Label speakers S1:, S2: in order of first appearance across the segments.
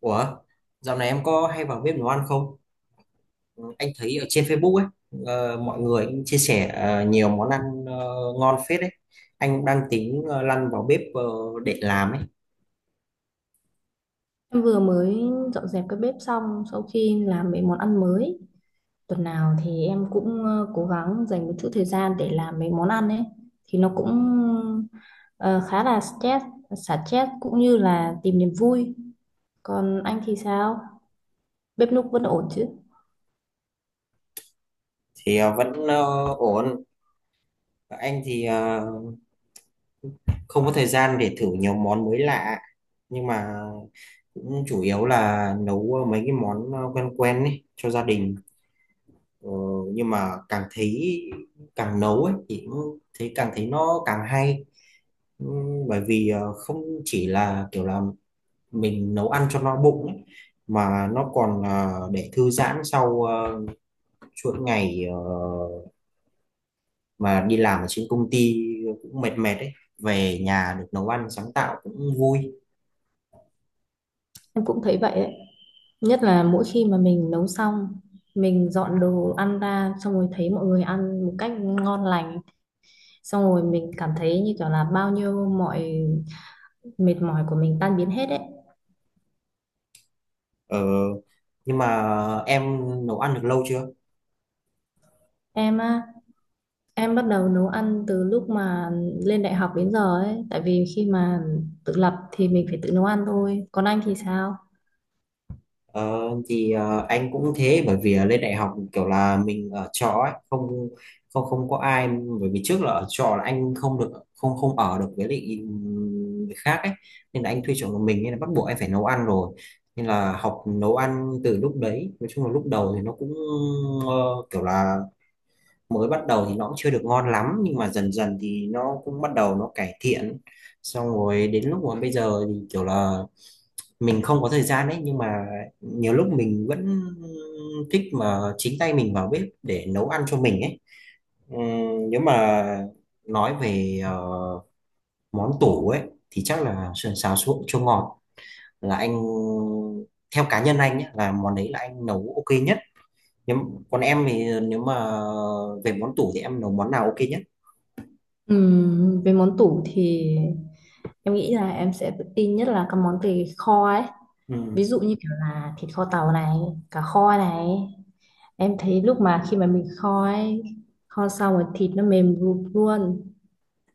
S1: Ủa, dạo này em có hay vào bếp nấu ăn không? Anh thấy ở trên Facebook ấy, mọi người cũng chia sẻ nhiều món ăn ờ, ngon phết đấy. Anh cũng đang tính lăn vào bếp để làm ấy,
S2: Em vừa mới dọn dẹp cái bếp xong sau khi làm mấy món ăn mới. Tuần nào thì em cũng cố gắng dành một chút thời gian để làm mấy món ăn ấy. Thì nó cũng ờ, khá là stress, xả stress cũng như là tìm niềm vui. Còn anh thì sao? Bếp núc vẫn ổn chứ?
S1: thì vẫn ổn. Anh thì không có thời gian để thử nhiều món mới lạ, nhưng mà cũng chủ yếu là nấu mấy cái món quen quen ấy cho gia đình. Ờ, nhưng mà càng nấu ấy thì cũng thấy càng thấy nó càng hay. Bởi vì không chỉ là kiểu là mình nấu ăn cho no bụng ấy, mà nó còn để thư giãn sau chuỗi ngày mà đi làm ở trên công ty cũng mệt mệt ấy, về nhà được nấu ăn sáng tạo cũng vui.
S2: Em cũng thấy vậy ấy. Nhất là mỗi khi mà mình nấu xong, mình dọn đồ ăn ra xong rồi thấy mọi người ăn một cách ngon lành. Xong rồi mình cảm thấy như kiểu là bao nhiêu mọi mệt mỏi của mình tan biến hết ấy.
S1: Ờ, nhưng mà em nấu ăn được lâu chưa?
S2: Em á, em bắt đầu nấu ăn từ lúc mà lên đại học đến giờ ấy, tại vì khi mà tự lập thì mình phải tự nấu ăn thôi. Còn anh thì sao?
S1: Ờ, thì anh cũng thế, bởi vì lên đại học kiểu là mình ở trọ ấy, không không không có ai, bởi vì trước là ở trọ là anh không được không không ở được với lại người khác ấy, nên là anh thuê trọ một mình nên là bắt buộc anh phải nấu ăn rồi, nên là học nấu ăn từ lúc đấy. Nói chung là lúc đầu thì nó cũng ờ, kiểu là mới bắt đầu thì nó cũng chưa được ngon lắm, nhưng mà dần dần thì nó cũng bắt đầu nó cải thiện, xong rồi đến lúc mà bây giờ thì kiểu là mình không có thời gian đấy, nhưng mà nhiều lúc mình vẫn thích mà chính tay mình vào bếp để nấu ăn cho mình ấy. Nếu mà nói về món tủ ấy thì chắc là sườn xào chua ngọt, là anh, theo cá nhân anh nhé, là món đấy là anh nấu ok nhất. Nhưng còn em thì nếu mà về món tủ thì em nấu món nào ok nhất?
S2: Về món tủ thì em nghĩ là em sẽ tự tin nhất là các món về kho ấy.
S1: Ừ.
S2: Ví dụ như kiểu là thịt kho tàu này, cá kho này. Em thấy lúc mà khi mà mình kho ấy, kho xong rồi thịt nó mềm rụp luôn,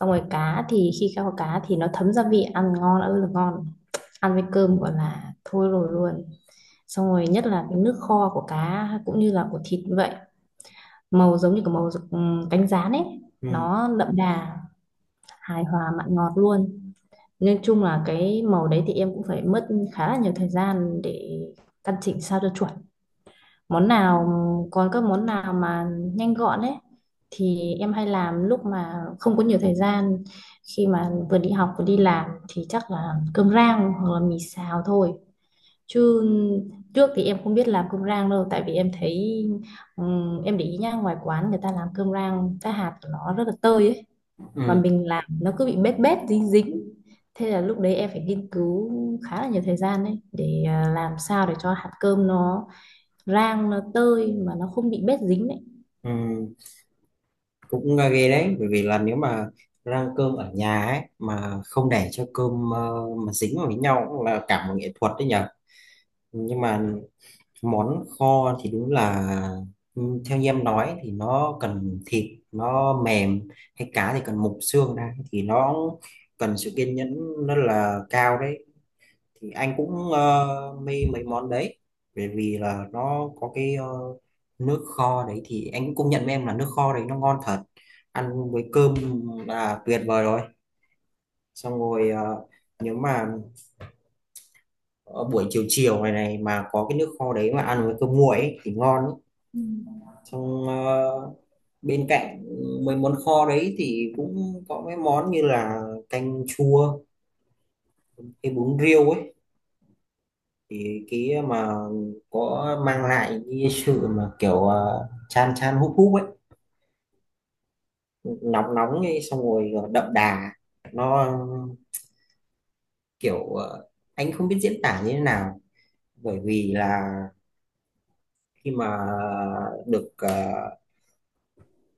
S2: xong rồi cá thì khi kho cá thì nó thấm gia vị ăn ngon ơi là ngon, ăn với cơm gọi là thôi rồi luôn. Xong rồi nhất là cái nước kho của cá cũng như là của thịt như vậy, màu giống như cái màu cánh gián ấy,
S1: Ừ.
S2: nó đậm đà, hài hòa mặn ngọt luôn. Nhưng chung là cái màu đấy thì em cũng phải mất khá là nhiều thời gian để căn chỉnh sao cho chuẩn món nào. Còn các món nào mà nhanh gọn ấy thì em hay làm lúc mà không có nhiều thời gian, khi mà vừa đi học vừa đi làm thì chắc là cơm rang hoặc là mì xào thôi. Chứ trước thì em không biết làm cơm rang đâu, tại vì em thấy, em để ý nhá, ngoài quán người ta làm cơm rang cái hạt của nó rất là tơi ấy, mà
S1: Ừ.
S2: mình làm nó cứ bị bết bết dính dính. Thế là lúc đấy em phải nghiên cứu khá là nhiều thời gian đấy để làm sao để cho hạt cơm nó rang nó tơi mà nó không bị bết dính đấy.
S1: Ừ. Cũng ghê đấy, bởi vì là nếu mà rang cơm ở nhà ấy mà không để cho cơm mà dính vào với nhau cũng là cả một nghệ thuật đấy nhở. Nhưng mà món kho thì đúng là, ừ, theo như em nói thì nó cần thịt nó mềm, hay cá thì cần mục xương ra thì nó cần sự kiên nhẫn rất là cao đấy. Thì anh cũng mê mấy món đấy, bởi vì là nó có cái nước kho đấy, thì anh cũng công nhận với em là nước kho đấy nó ngon thật, ăn với cơm là tuyệt vời rồi. Xong rồi nếu mà ở buổi chiều chiều này này mà có cái nước kho đấy mà ăn với cơm nguội ấy, thì ngon ấy.
S2: Ừ.
S1: Xong bên cạnh mấy món kho đấy thì cũng có mấy món như là canh chua, cái bún riêu ấy, thì cái mà có mang lại cái sự mà kiểu chan chan húp húp ấy, nóng nóng ấy, xong rồi đậm đà. Nó kiểu anh không biết diễn tả như thế nào, bởi vì là khi mà được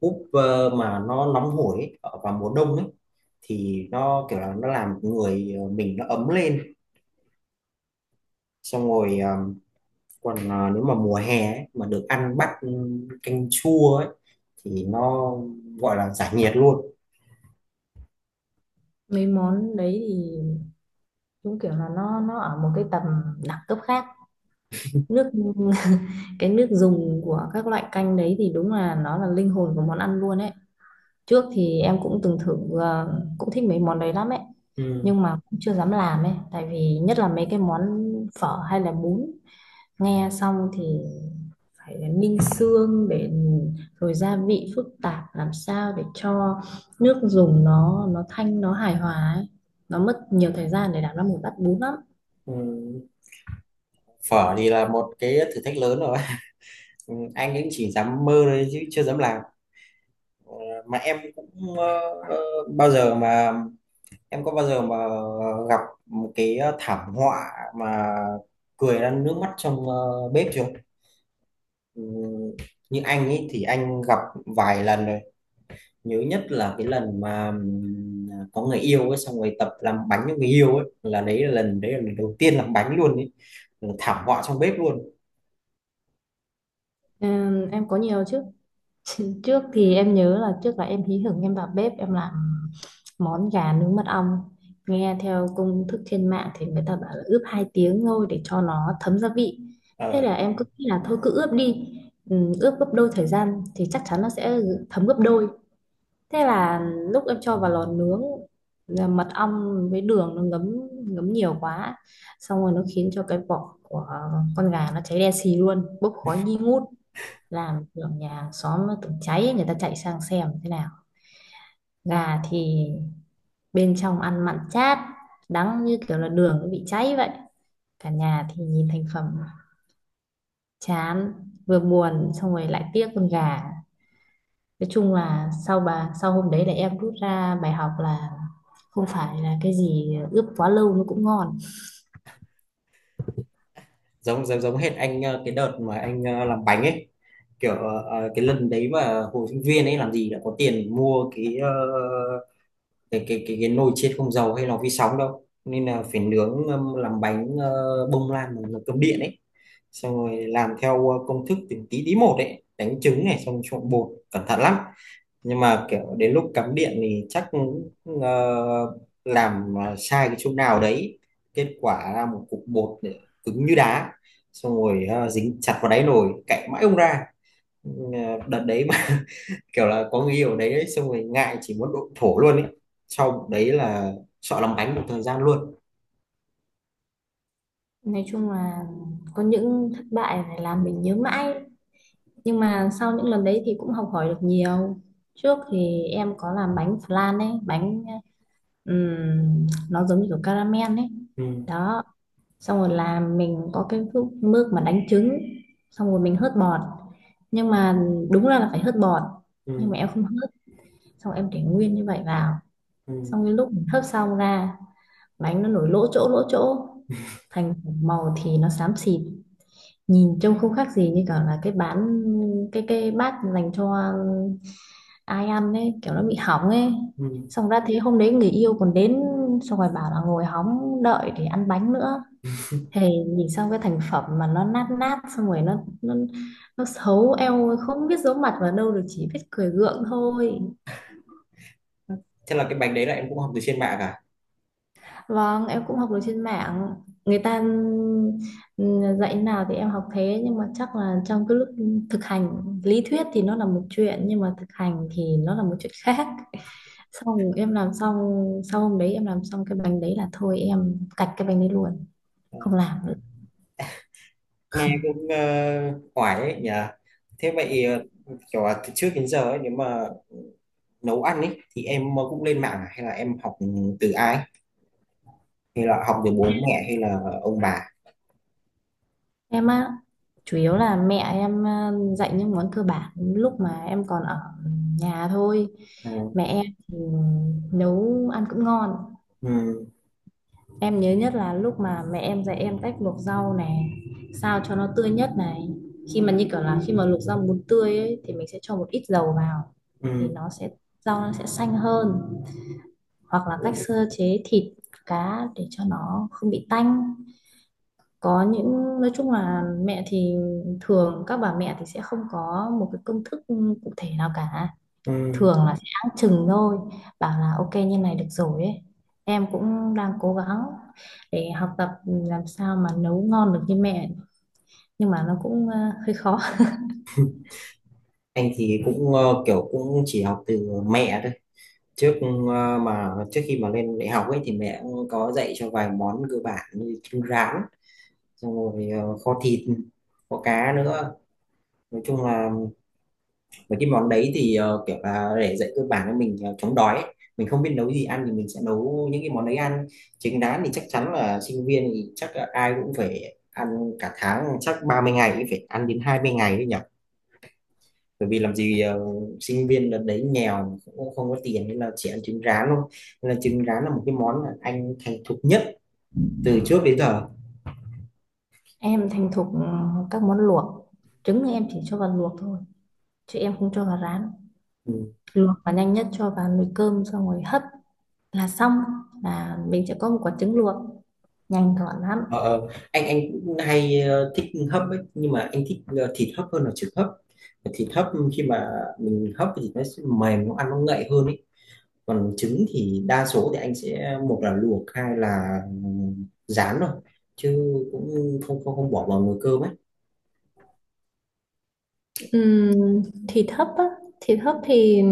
S1: húp mà nó nóng hổi ấy, ở vào mùa đông ấy, thì nó kiểu là nó làm mình nó ấm lên. Xong rồi còn nếu mà mùa hè ấy, mà được ăn bát canh chua ấy thì nó gọi là giải nhiệt luôn.
S2: Mấy món đấy thì đúng kiểu là nó ở một cái tầm đẳng cấp khác, nước cái nước dùng của các loại canh đấy thì đúng là nó là linh hồn của món ăn luôn ấy. Trước thì em cũng từng thử cũng thích mấy món đấy lắm ấy,
S1: Ừ.
S2: nhưng mà cũng chưa dám làm ấy, tại vì nhất là mấy cái món phở hay là bún, nghe xong thì phải ninh xương để rồi gia vị phức tạp làm sao để cho nước dùng nó thanh nó hài hòa ấy, nó mất nhiều thời gian để làm ra một bát bún lắm.
S1: Ừ. Phở thì là một cái thử thách lớn rồi. Ừ. Anh ấy chỉ dám mơ thôi chứ chưa dám làm. Ờ, mà em cũng ờ, ờ, bao giờ mà em có bao giờ mà gặp một cái thảm họa mà cười ra nước mắt trong bếp chưa? Ừ. Như anh ấy thì anh gặp vài lần rồi, nhớ nhất là cái lần mà có người yêu ấy xong rồi tập làm bánh cho người yêu ấy, là đấy là lần đầu tiên làm bánh luôn ấy. Ừ, thảm họa trong bếp luôn.
S2: Em có nhiều chứ. Trước thì em nhớ là trước là em hí hửng em vào bếp em làm món gà nướng mật ong. Nghe theo công thức trên mạng thì người ta bảo là ướp 2 tiếng thôi để cho nó thấm gia vị. Thế
S1: Ờ,
S2: là em cứ nghĩ là thôi cứ ướp đi. Ừ, ướp gấp đôi thời gian thì chắc chắn nó sẽ thấm gấp đôi. Thế là lúc em cho vào lò nướng là mật ong với đường nó ngấm ngấm nhiều quá. Xong rồi nó khiến cho cái vỏ của con gà nó cháy đen xì luôn, bốc khói nghi ngút, làm tưởng nhà xóm nó tưởng cháy, người ta chạy sang xem thế nào. Gà thì bên trong ăn mặn chát, đắng như kiểu là đường nó bị cháy vậy. Cả nhà thì nhìn thành phẩm chán, vừa buồn xong rồi lại tiếc con gà. Nói chung là sau hôm đấy là em rút ra bài học là không phải là cái gì ướp quá lâu nó cũng ngon.
S1: giống giống giống hết anh, cái đợt mà anh làm bánh ấy, kiểu cái lần đấy mà hồi sinh viên ấy làm gì đã có tiền mua cái cái nồi chiên không dầu hay lò vi sóng đâu, nên là phải nướng, làm bánh bông lan bằng cơm điện ấy. Xong rồi làm theo công thức từng tí tí một ấy, đánh trứng này xong trộn bột cẩn thận lắm, nhưng mà kiểu đến lúc cắm điện thì chắc ờ, làm sai cái chỗ nào đấy, kết quả ra một cục bột để cứng như đá, xong rồi dính chặt vào đáy nồi cạy mãi không ra. Ừ, đợt đấy mà kiểu là có người yêu ở đấy ấy, xong rồi ngại, chỉ muốn độn thổ luôn ấy, sau đấy là sợ làm bánh một thời gian luôn.
S2: Nói chung là có những thất bại này làm mình nhớ mãi. Nhưng mà sau những lần đấy thì cũng học hỏi được nhiều. Trước thì em có làm bánh flan ấy, bánh nó giống như kiểu caramel ấy.
S1: Ừ.
S2: Đó, xong rồi làm mình có cái mức mà đánh trứng, xong rồi mình hớt bọt. Nhưng mà đúng ra là phải hớt bọt, nhưng mà
S1: Ừ.
S2: em không hớt, xong rồi em để nguyên như vậy vào.
S1: Ừ.
S2: Xong cái lúc mình hớt xong ra, bánh nó nổi lỗ chỗ, thành màu thì nó xám xịt, nhìn trông không khác gì như kiểu là cái bát dành cho ai ăn ấy kiểu nó bị hỏng ấy.
S1: Ừ.
S2: Xong ra thế hôm đấy người yêu còn đến, xong rồi bảo là ngồi hóng đợi để ăn bánh nữa. Thì nhìn xong cái thành phẩm mà nó nát nát xong rồi nó xấu eo, không biết giấu mặt vào đâu được, chỉ biết cười gượng thôi.
S1: Thế là cái bánh đấy là em cũng học từ trên mạng à?
S2: Vâng, em cũng học được trên mạng. Người ta dạy nào thì em học thế, nhưng mà chắc là trong cái lúc thực hành lý thuyết thì nó là một chuyện nhưng mà thực hành thì nó là một chuyện khác. Xong em làm xong, sau hôm đấy em làm xong cái bánh đấy là thôi em cạch cái bánh đấy luôn, không làm nữa.
S1: Nghe cũng ấy nhỉ. Thế vậy kiểu là từ trước đến giờ ấy, nếu mà nấu ăn ấy thì em cũng lên mạng à? Hay là em học từ ai, hay là học từ bố mẹ, hay là ông bà?
S2: Em á, chủ yếu là mẹ em dạy những món cơ bản lúc mà em còn ở nhà thôi.
S1: Ừ.
S2: Mẹ em thì nấu ăn cũng ngon.
S1: Ừ.
S2: Em nhớ nhất là lúc mà mẹ em dạy em cách luộc rau này, sao cho nó tươi nhất này. Khi mà như kiểu là khi mà luộc rau muốn tươi ấy, thì mình sẽ cho một ít dầu vào, thì
S1: Ừ.
S2: nó sẽ, rau nó sẽ xanh hơn. Hoặc là cách sơ chế thịt cá để cho nó không bị tanh. Có những, nói chung là mẹ thì, thường các bà mẹ thì sẽ không có một cái công thức cụ thể nào cả,
S1: Ừ.
S2: thường Ừ. là sẽ áng chừng thôi, bảo là ok như này được rồi ấy. Em cũng đang cố gắng để học tập làm sao mà nấu ngon được như mẹ, nhưng mà nó cũng hơi khó.
S1: Anh thì cũng kiểu cũng chỉ học từ mẹ thôi, trước mà trước khi mà lên đại học ấy thì mẹ cũng có dạy cho vài món cơ bản như trứng rán, xong rồi kho thịt kho cá nữa. Nói chung là mấy cái món đấy thì kiểu là để dạy cơ bản cho mình chống đói ấy. Mình không biết nấu gì ăn thì mình sẽ nấu những cái món đấy ăn. Trứng rán thì chắc chắn là sinh viên thì chắc là ai cũng phải ăn, cả tháng chắc 30 ngày cũng phải ăn đến 20 ngày đấy nhỉ. Bởi vì làm gì sinh viên đợt đấy nghèo cũng không có tiền, nên là chỉ ăn trứng rán thôi, nên là trứng rán là một cái món mà anh thành thục nhất từ trước đến giờ.
S2: Em thành thục các món luộc. Trứng thì em chỉ cho vào luộc thôi chứ em không cho vào rán,
S1: Ừ.
S2: luộc và nhanh nhất cho vào nồi cơm xong rồi hấp là xong, là mình sẽ có một quả trứng luộc nhanh gọn lắm.
S1: Anh cũng hay thích hấp ấy, nhưng mà anh thích thịt hấp hơn là trứng hấp. Thịt hấp khi mà mình hấp thì nó sẽ mềm, nó ăn nó ngậy hơn ấy, còn trứng thì đa số thì anh sẽ một là luộc hai là rán thôi, chứ cũng không không không bỏ vào nồi cơm ấy.
S2: Ừm, thịt hấp á, thịt hấp thì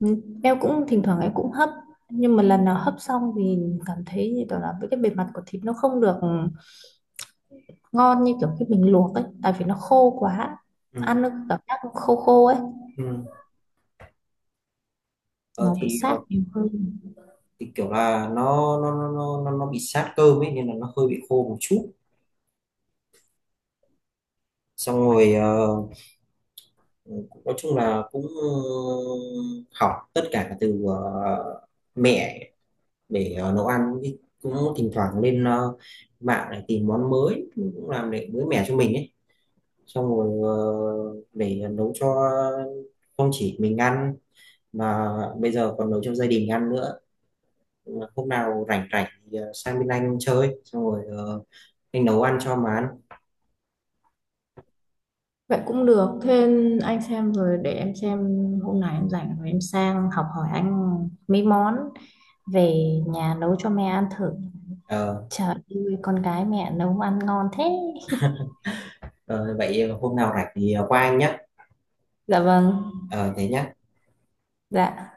S2: ừm, em cũng thỉnh thoảng em cũng hấp, nhưng mà lần nào hấp xong thì cảm thấy như kiểu là với cái bề mặt của thịt nó không được ngon như kiểu khi mình luộc ấy, tại vì nó khô quá,
S1: Ừ.
S2: ăn nó cảm giác nó khô khô ấy,
S1: Ừ. Ờ,
S2: nó bị
S1: thì,
S2: sát
S1: ờ,
S2: nhiều hơn.
S1: thì kiểu là nó bị sát cơm ấy nên là nó hơi bị khô một chút. Xong rồi nói chung là cũng học tất cả từ mẹ để nấu ăn, cũng thỉnh thoảng lên mạng để tìm món mới cũng làm để mới mẻ cho mình ấy, xong rồi để nấu cho, không chỉ mình ăn mà bây giờ còn nấu cho gia đình ăn nữa. Hôm nào rảnh rảnh thì sang bên anh chơi xong rồi anh nấu ăn cho mà ăn.
S2: Vậy cũng được, thế anh xem rồi để em xem hôm nào em rảnh rồi em sang học hỏi anh mấy món, về nhà nấu cho mẹ ăn thử.
S1: Ờ,
S2: Trời ơi, con gái mẹ nấu ăn ngon thế.
S1: ờ, Vậy hôm nào rảnh thì qua anh nhé.
S2: Dạ vâng.
S1: Ờ Thế nhá.
S2: Dạ.